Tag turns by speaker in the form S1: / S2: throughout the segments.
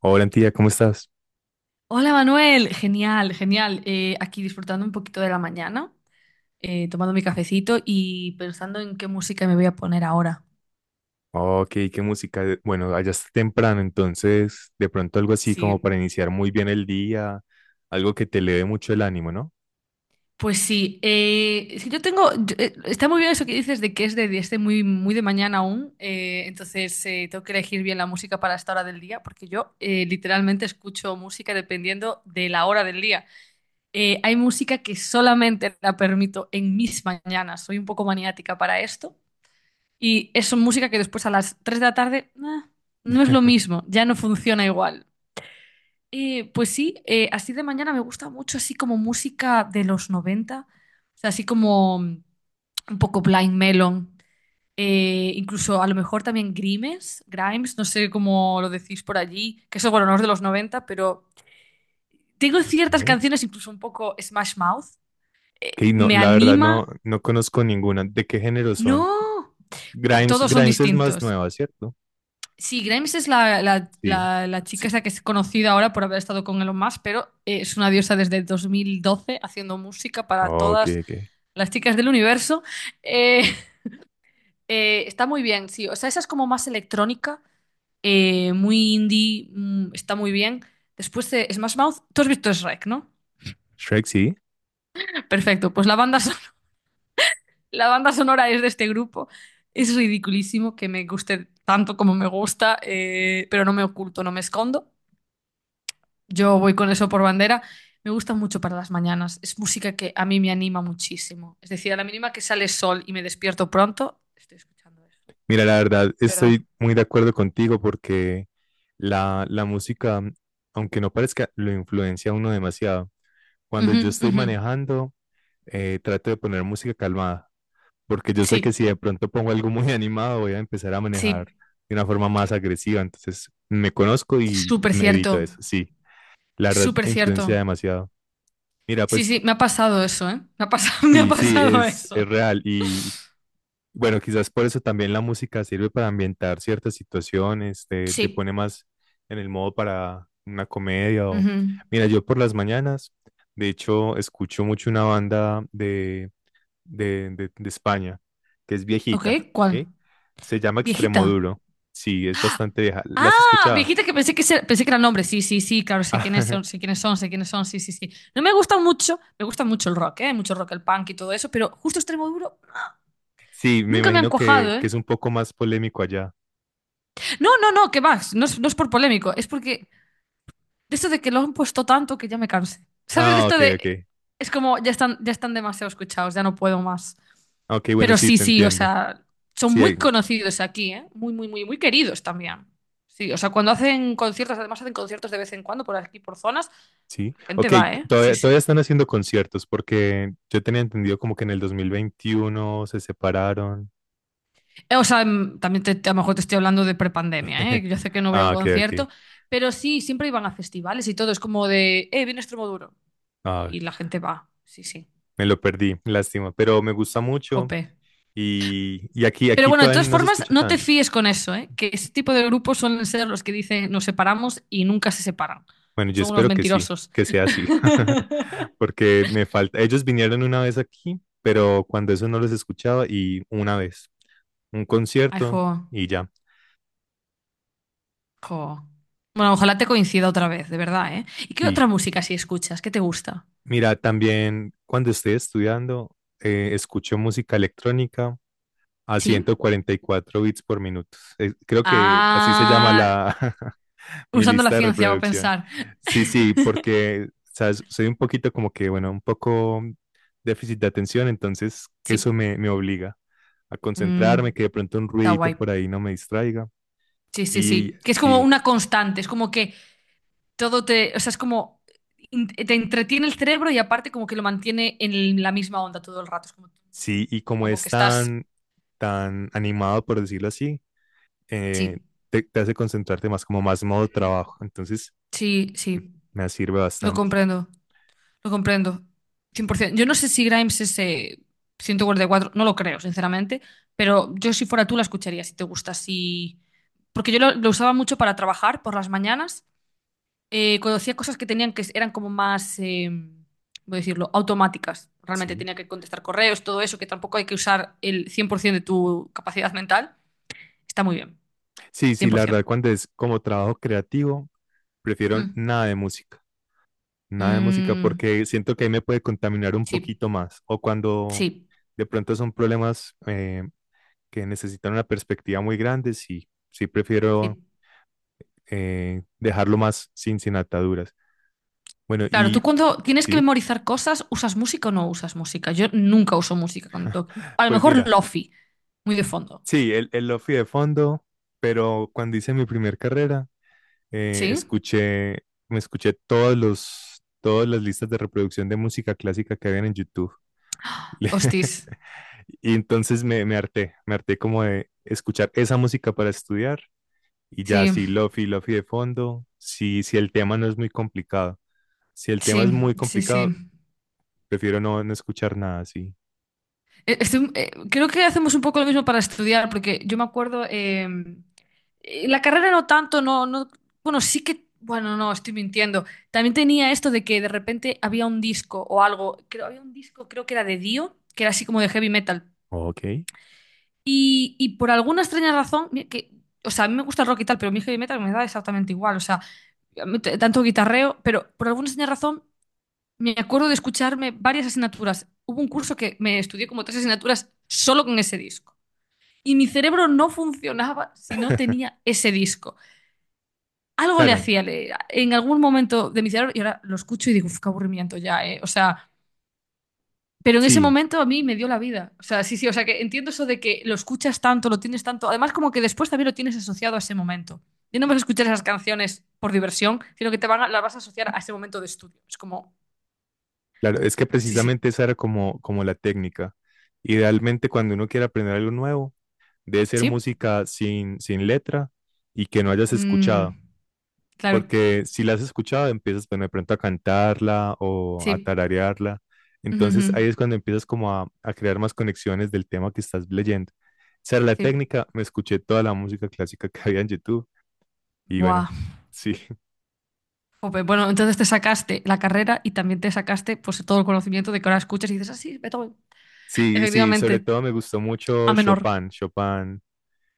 S1: Hola, tía, ¿cómo estás?
S2: Hola Manuel, genial, genial. Aquí disfrutando un poquito de la mañana, tomando mi cafecito y pensando en qué música me voy a poner ahora.
S1: Oh, Ok, qué música. Bueno, allá está temprano, entonces de pronto algo así como
S2: Sí,
S1: para iniciar muy bien el día, algo que te eleve mucho el ánimo, ¿no?
S2: pues sí. Es que yo tengo, está muy bien eso que dices de que es de este muy, muy de mañana aún. Entonces tengo que elegir bien la música para esta hora del día, porque yo literalmente escucho música dependiendo de la hora del día. Hay música que solamente la permito en mis mañanas. Soy un poco maniática para esto. Y es música que después a las 3 de la tarde no es lo mismo, ya no funciona igual. Pues sí, así de mañana me gusta mucho, así como música de los 90, o sea, así como un poco Blind Melon, incluso a lo mejor también Grimes, Grimes, no sé cómo lo decís por allí, que eso, bueno, no es de los 90, pero tengo ciertas
S1: Ok,
S2: canciones, incluso un poco Smash Mouth,
S1: que no,
S2: me
S1: la verdad no,
S2: anima.
S1: no conozco ninguna. ¿De qué género son?
S2: No,
S1: Grimes,
S2: todos son
S1: Grimes es más
S2: distintos.
S1: nueva, ¿cierto?
S2: Sí, Grimes es la, la-
S1: Sí,
S2: la- la chica
S1: sí.
S2: esa que es conocida ahora por haber estado con Elon Musk, pero es una diosa desde 2012 haciendo música para
S1: Oh, Ok,
S2: todas
S1: ok.
S2: las chicas del universo. Eh, está muy bien, sí. O sea, esa es como más electrónica, muy indie, está muy bien. Después de Smash Mouth, tú has visto Shrek, ¿no?
S1: Shrek, sí.
S2: Perfecto, pues la banda sonora es de este grupo. Es ridiculísimo que me guste tanto como me gusta, pero no me oculto, no me escondo. Yo voy con eso por bandera. Me gusta mucho para las mañanas. Es música que a mí me anima muchísimo. Es decir, a la mínima que sale sol y me despierto pronto, estoy escuchando eso.
S1: Mira, la verdad
S2: ¿Verdad?
S1: estoy muy de acuerdo contigo porque la música, aunque no parezca, lo influencia a uno demasiado. Cuando
S2: Ujú,
S1: yo estoy
S2: ujú.
S1: manejando trato de poner música calmada, porque yo sé que
S2: Sí,
S1: si de pronto pongo algo muy animado voy a empezar a manejar
S2: sí.
S1: de una forma más agresiva, entonces me conozco y
S2: Súper
S1: me evito
S2: cierto.
S1: eso, sí, la verdad
S2: Súper cierto.
S1: influencia demasiado. Mira,
S2: Sí,
S1: pues
S2: sí, me ha pasado eso, ¿eh? Me ha pasado, me ha
S1: sí, sí,
S2: pasado
S1: es
S2: eso.
S1: real y bueno, quizás por eso también la música sirve para ambientar ciertas situaciones, te pone
S2: Sí.
S1: más en el modo para una comedia o...
S2: Ujú.
S1: Mira, yo por las mañanas, de hecho, escucho mucho una banda de de España, que es
S2: Ok,
S1: viejita,
S2: ¿cuál?
S1: ¿ok? Se llama
S2: ¿Viejita?
S1: Extremoduro. Sí, es bastante vieja. ¿La has
S2: Ah,
S1: escuchado?
S2: viejitas que pensé que, pensé que eran hombres. Sí, sí, sí, claro, sé quiénes son, sé quiénes son, sé quiénes son, sí, sí, sí. No me gusta mucho, me gusta mucho el rock, ¿eh? Mucho rock, el punk y todo eso, pero justo extremo duro
S1: Sí, me
S2: nunca me han
S1: imagino
S2: cuajado,
S1: que
S2: ¿eh?
S1: es un poco más polémico allá.
S2: No, no, no, que más, no es por polémico, es porque de esto de que lo han puesto tanto que ya me cansé. ¿Sabes? De
S1: Ah,
S2: esto
S1: ok, ok.
S2: de... Es como, ya están demasiado escuchados, ya no puedo más.
S1: Ok, bueno,
S2: Pero
S1: sí,
S2: sí,
S1: te
S2: sí, o
S1: entiendo.
S2: sea, son
S1: Sí,
S2: muy
S1: hay-
S2: conocidos aquí, ¿eh? Muy, muy, muy, muy queridos también. Sí, o sea, cuando hacen conciertos, además hacen conciertos de vez en cuando por aquí, por zonas.
S1: sí. Ok,
S2: Gente va, ¿eh? Sí,
S1: todavía,
S2: sí.
S1: todavía están haciendo conciertos porque yo tenía entendido como que en el 2021 se separaron.
S2: O sea, también a lo mejor te estoy hablando de prepandemia, ¿eh? Yo sé que no voy a
S1: Ah,
S2: un
S1: ok,
S2: concierto,
S1: ok.
S2: pero sí, siempre iban a festivales y todo. Es como de, viene Extremoduro.
S1: Ah,
S2: Y la gente va, sí, sí.
S1: me lo perdí, lástima, pero me gusta mucho
S2: Jope.
S1: y aquí,
S2: Pero
S1: aquí
S2: bueno, de
S1: todavía
S2: todas
S1: no se
S2: formas,
S1: escucha
S2: no te
S1: tanto.
S2: fíes con eso, ¿eh? Que ese tipo de grupos suelen ser los que dicen nos separamos y nunca se separan.
S1: Bueno, yo
S2: Son unos
S1: espero que sí,
S2: mentirosos.
S1: que sea así, porque me falta, ellos vinieron una vez aquí, pero cuando eso no los escuchaba y una vez, un
S2: Ay,
S1: concierto
S2: jo,
S1: y ya.
S2: jo. Bueno, ojalá te coincida otra vez, de verdad, ¿eh? ¿Y qué otra
S1: Sí,
S2: música si escuchas? ¿Qué te gusta?
S1: mira, también cuando estoy estudiando, escucho música electrónica a
S2: ¿Sí?
S1: 144 bits por minuto. Creo que así se llama
S2: Ah,
S1: la mi
S2: usando la
S1: lista de
S2: ciencia va a
S1: reproducción.
S2: pensar.
S1: Sí, sí, porque ¿sabes? Soy un poquito como que, bueno, un poco déficit de atención, entonces
S2: Sí,
S1: me obliga a concentrarme,
S2: mm,
S1: que de pronto un
S2: está
S1: ruidito
S2: guay.
S1: por ahí no me distraiga.
S2: Sí, sí,
S1: Y
S2: sí. Que es como
S1: sí,
S2: una constante, es como que todo te, o sea, es como te entretiene el cerebro y aparte como que lo mantiene en la misma onda todo el rato. Es como,
S1: sí, y como
S2: como
S1: es
S2: que estás.
S1: tan, tan animado, por decirlo así, eh,
S2: Sí.
S1: te hace concentrarte más, como más modo
S2: Ujú.
S1: trabajo. Entonces,
S2: Sí, sí.
S1: me sirve
S2: Lo
S1: bastante.
S2: comprendo. Lo comprendo. 100%. Yo no sé si Grimes es 144, no lo creo, sinceramente, pero yo si fuera tú la escucharía si te gusta, si... Porque yo lo usaba mucho para trabajar por las mañanas, conocía cosas que tenían que eran como más, voy a decirlo, automáticas. Realmente
S1: Sí.
S2: tenía que contestar correos, todo eso, que tampoco hay que usar el 100% de tu capacidad mental. Está muy bien,
S1: Sí, sí, la verdad,
S2: 100%.
S1: cuando es como trabajo creativo, prefiero
S2: Ujú.
S1: nada de música, nada de música,
S2: Mm,
S1: porque siento que ahí me puede contaminar un
S2: sí,
S1: poquito más. O cuando
S2: sí,
S1: de pronto son problemas que necesitan una perspectiva muy grande, sí, sí prefiero
S2: sí.
S1: dejarlo más sin, sin ataduras. Bueno,
S2: Claro, tú
S1: y
S2: cuando tienes que
S1: sí,
S2: memorizar cosas, ¿usas música o no usas música? Yo nunca uso música cuando tengo que- A lo
S1: pues
S2: mejor
S1: mira,
S2: lofi, muy de fondo.
S1: sí, el lofi de fondo, pero cuando hice mi primer carrera, eh,
S2: ¿Sí?
S1: escuché, me escuché todas las listas de reproducción de música clásica que habían en YouTube. Le-
S2: Hostis.
S1: Y entonces me harté como de escuchar esa música para estudiar y ya
S2: Sí,
S1: si lofi, lofi de fondo, si, si el tema no es muy complicado. Si el tema
S2: sí,
S1: es muy
S2: sí,
S1: complicado,
S2: sí.
S1: prefiero no, no escuchar nada así.
S2: Creo que hacemos un poco lo mismo para estudiar, porque yo me acuerdo, la carrera no tanto, no, no, bueno, sí que, bueno, no, estoy mintiendo. También tenía esto de que de repente había un disco o algo, creo, había un disco, creo que era de Dio, que era así como de heavy metal.
S1: Ok.
S2: Y por alguna extraña razón, mira que, o sea, a mí me gusta el rock y tal, pero mi heavy metal me da exactamente igual, o sea, a mí tanto guitarreo, pero por alguna extraña razón me acuerdo de escucharme varias asignaturas. Hubo un curso que me estudié como tres asignaturas solo con ese disco. Y mi cerebro no funcionaba si no tenía ese disco. Algo le
S1: Claro,
S2: hacía leer en algún momento de mi cerebro y ahora lo escucho y digo, "Uf, qué aburrimiento ya, ¿eh?". O sea, pero en ese
S1: sí,
S2: momento a mí me dio la vida. O sea, sí, sí, o sea, que entiendo eso de que lo escuchas tanto, lo tienes tanto. Además, como que después también lo tienes asociado a ese momento. Ya no vas a escuchar esas canciones por diversión, sino que te van las vas a asociar a ese momento de estudio. Es como,
S1: claro, es que
S2: sí, sí,
S1: precisamente esa era como, como la técnica. Idealmente, cuando uno quiere aprender algo nuevo, debe ser
S2: sí.
S1: música sin, sin letra y que no hayas escuchado,
S2: Mm, claro,
S1: porque si la has escuchado empiezas bueno, de pronto a cantarla o a
S2: sí.
S1: tararearla.
S2: Ujú, ujú,
S1: Entonces ahí es cuando empiezas como a crear más conexiones del tema que estás leyendo. Esa era la
S2: sí.
S1: técnica, me escuché toda la música clásica que había en YouTube y
S2: Buah.
S1: bueno, sí,
S2: Jope, bueno, entonces te sacaste la carrera y también te sacaste pues todo el conocimiento de que ahora escuchas y dices, ah, sí, Beethoven.
S1: sí, sí, sobre
S2: Efectivamente,
S1: todo me gustó
S2: a
S1: mucho
S2: menor.
S1: Chopin, Chopin,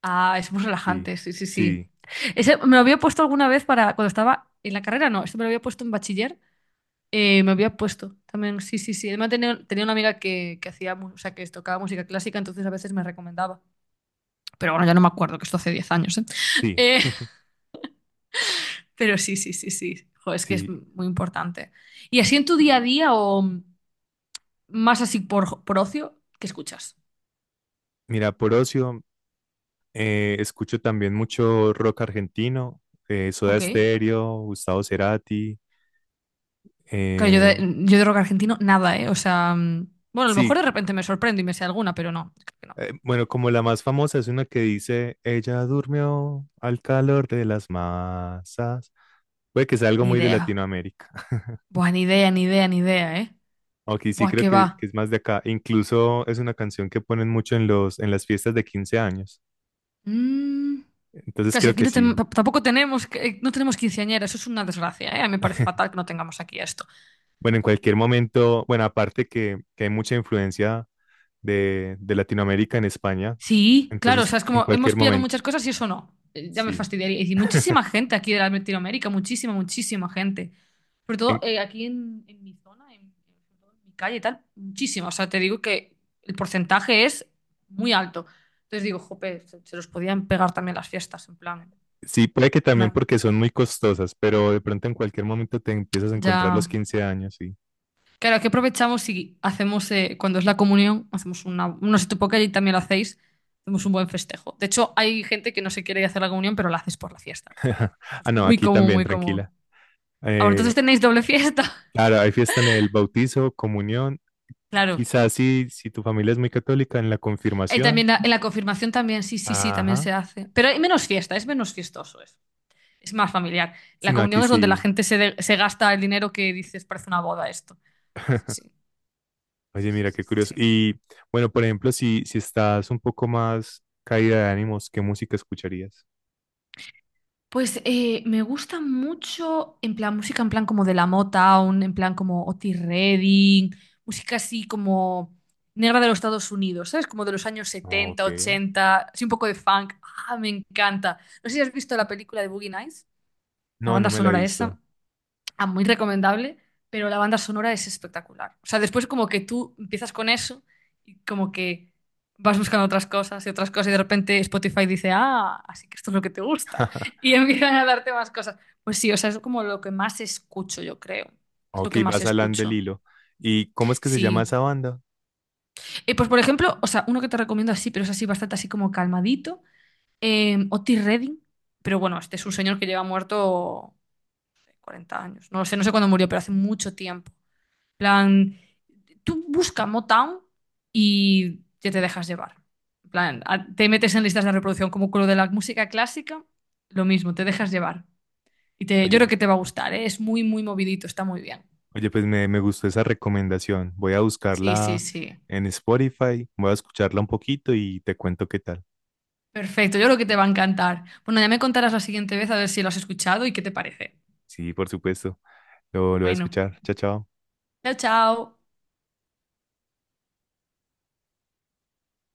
S2: Ah, es muy
S1: sí,
S2: relajante, sí, sí, sí.
S1: sí,
S2: Ese me lo había puesto alguna vez para cuando estaba en la carrera, no, esto me lo había puesto en bachiller, me había puesto también, sí, sí, sí. Además tenía una amiga que hacía, o sea, que tocaba música clásica, entonces a veces me recomendaba. Pero bueno, ya no me acuerdo, que esto hace 10 años, ¿eh?
S1: sí,
S2: Eh, pero sí, sí, sí, sí. Jo, es que es
S1: sí.
S2: muy importante. ¿Y así en tu día a día o...? Más así por ocio, ¿qué escuchas?
S1: Mira, por ocio, escucho también mucho rock argentino, Soda
S2: Ok.
S1: Stereo, Gustavo Cerati.
S2: Claro, yo de,
S1: eh,
S2: yo de rock argentino, nada, ¿eh? O sea, bueno, a lo
S1: sí,
S2: mejor de repente me sorprendo y me sé alguna, pero no, creo que no.
S1: bueno, como la más famosa es una que dice, ella durmió al calor de las masas. Puede que sea algo
S2: Ni
S1: muy de
S2: idea.
S1: Latinoamérica.
S2: Buah, ni idea, ni idea, ni idea, ¿eh?
S1: Aunque sí
S2: Buah,
S1: creo
S2: qué
S1: que
S2: va.
S1: es más de acá. Incluso es una canción que ponen mucho en en las fiestas de 15 años.
S2: Mm,
S1: Entonces
S2: casi
S1: creo
S2: aquí
S1: que sí.
S2: tampoco tenemos, no tenemos quinceañera, eso es una desgracia, ¿eh? A mí me parece fatal que no tengamos aquí esto.
S1: Bueno, en cualquier momento, bueno, aparte que hay mucha influencia de Latinoamérica en España,
S2: Sí, claro, o
S1: entonces
S2: sea, es
S1: en
S2: como
S1: cualquier
S2: hemos pillado
S1: momento,
S2: muchas cosas y eso no. Ya me
S1: sí.
S2: fastidiaría. Y muchísima gente aquí de Latinoamérica, muchísima, muchísima gente. Sobre todo
S1: En-
S2: aquí en mi zona, sobre todo en mi calle y tal, muchísimo. O sea, te digo que el porcentaje es muy alto. Entonces digo, jope, se los podían pegar también las fiestas, en plan.
S1: sí, puede que también
S2: una-
S1: porque son muy costosas, pero de pronto en cualquier momento te empiezas a encontrar
S2: ya.
S1: los 15 años, sí.
S2: Claro, aquí aprovechamos y hacemos, cuando es la comunión, hacemos una. No sé, tú que también lo hacéis, hacemos un buen festejo. De hecho, hay gente que no se quiere ir a hacer la comunión, pero la haces por la fiesta. Eso
S1: Ah,
S2: es
S1: no,
S2: muy
S1: aquí
S2: común,
S1: también,
S2: muy común.
S1: tranquila.
S2: Ahora, entonces
S1: Eh,
S2: tenéis doble fiesta.
S1: claro, hay fiesta en el bautizo, comunión,
S2: Claro,
S1: quizás si, si tu familia es muy católica, en la
S2: y
S1: confirmación.
S2: también en la confirmación también, sí, sí, sí, también
S1: Ajá,
S2: se hace. Pero hay menos fiesta, es menos fiestoso eso. Es más familiar. La
S1: sino
S2: comunión
S1: aquí
S2: es donde la
S1: sí.
S2: gente se gasta el dinero que dices, parece una boda esto. Sí, sí,
S1: Oye,
S2: sí, sí,
S1: mira,
S2: sí,
S1: qué
S2: sí,
S1: curioso.
S2: sí.
S1: Y bueno, por ejemplo, si, si estás un poco más caída de ánimos, ¿qué música escucharías?
S2: Pues me gusta mucho en plan música, en plan como de la Motown, en plan como Otis Redding, música así como negra de los Estados Unidos, ¿sabes? Como de los años setenta
S1: Ok.
S2: ochenta, así un poco de funk. Ah, me encanta. No sé si has visto la película de Boogie Nights, la
S1: No, no
S2: banda
S1: me la he
S2: sonora esa.
S1: visto.
S2: Ah, muy recomendable, pero la banda sonora es espectacular. O sea, después como que tú empiezas con eso y como que vas buscando otras cosas y de repente Spotify dice, ah, así que esto es lo que te gusta. Y empiezan a darte más cosas. Pues sí, o sea, es como lo que más escucho, yo creo. Es lo
S1: Ok,
S2: que más
S1: vas al del
S2: escucho.
S1: hilo. ¿Y cómo es que se llama
S2: Sí.
S1: esa banda?
S2: Pues por ejemplo, o sea, uno que te recomiendo así, pero es así bastante así como calmadito, Otis Redding. Pero bueno, este es un señor que lleva muerto 40 años. No lo sé, no sé cuándo murió, pero hace mucho tiempo, plan, tú busca Motown y ya te dejas llevar. En plan, te metes en listas de reproducción como con lo de la música clásica, lo mismo, te dejas llevar. Y te, yo creo
S1: Oye,
S2: que te va a gustar, ¿eh? Es muy, muy movidito, está muy bien.
S1: oye, pues me gustó esa recomendación. Voy a
S2: Sí, sí,
S1: buscarla
S2: sí.
S1: en Spotify, voy a escucharla un poquito y te cuento qué tal.
S2: Perfecto, yo creo que te va a encantar. Bueno, ya me contarás la siguiente vez a ver si lo has escuchado y qué te parece.
S1: Sí, por supuesto. Lo voy a
S2: Bueno,
S1: escuchar. Chao, chao.
S2: chao, chao.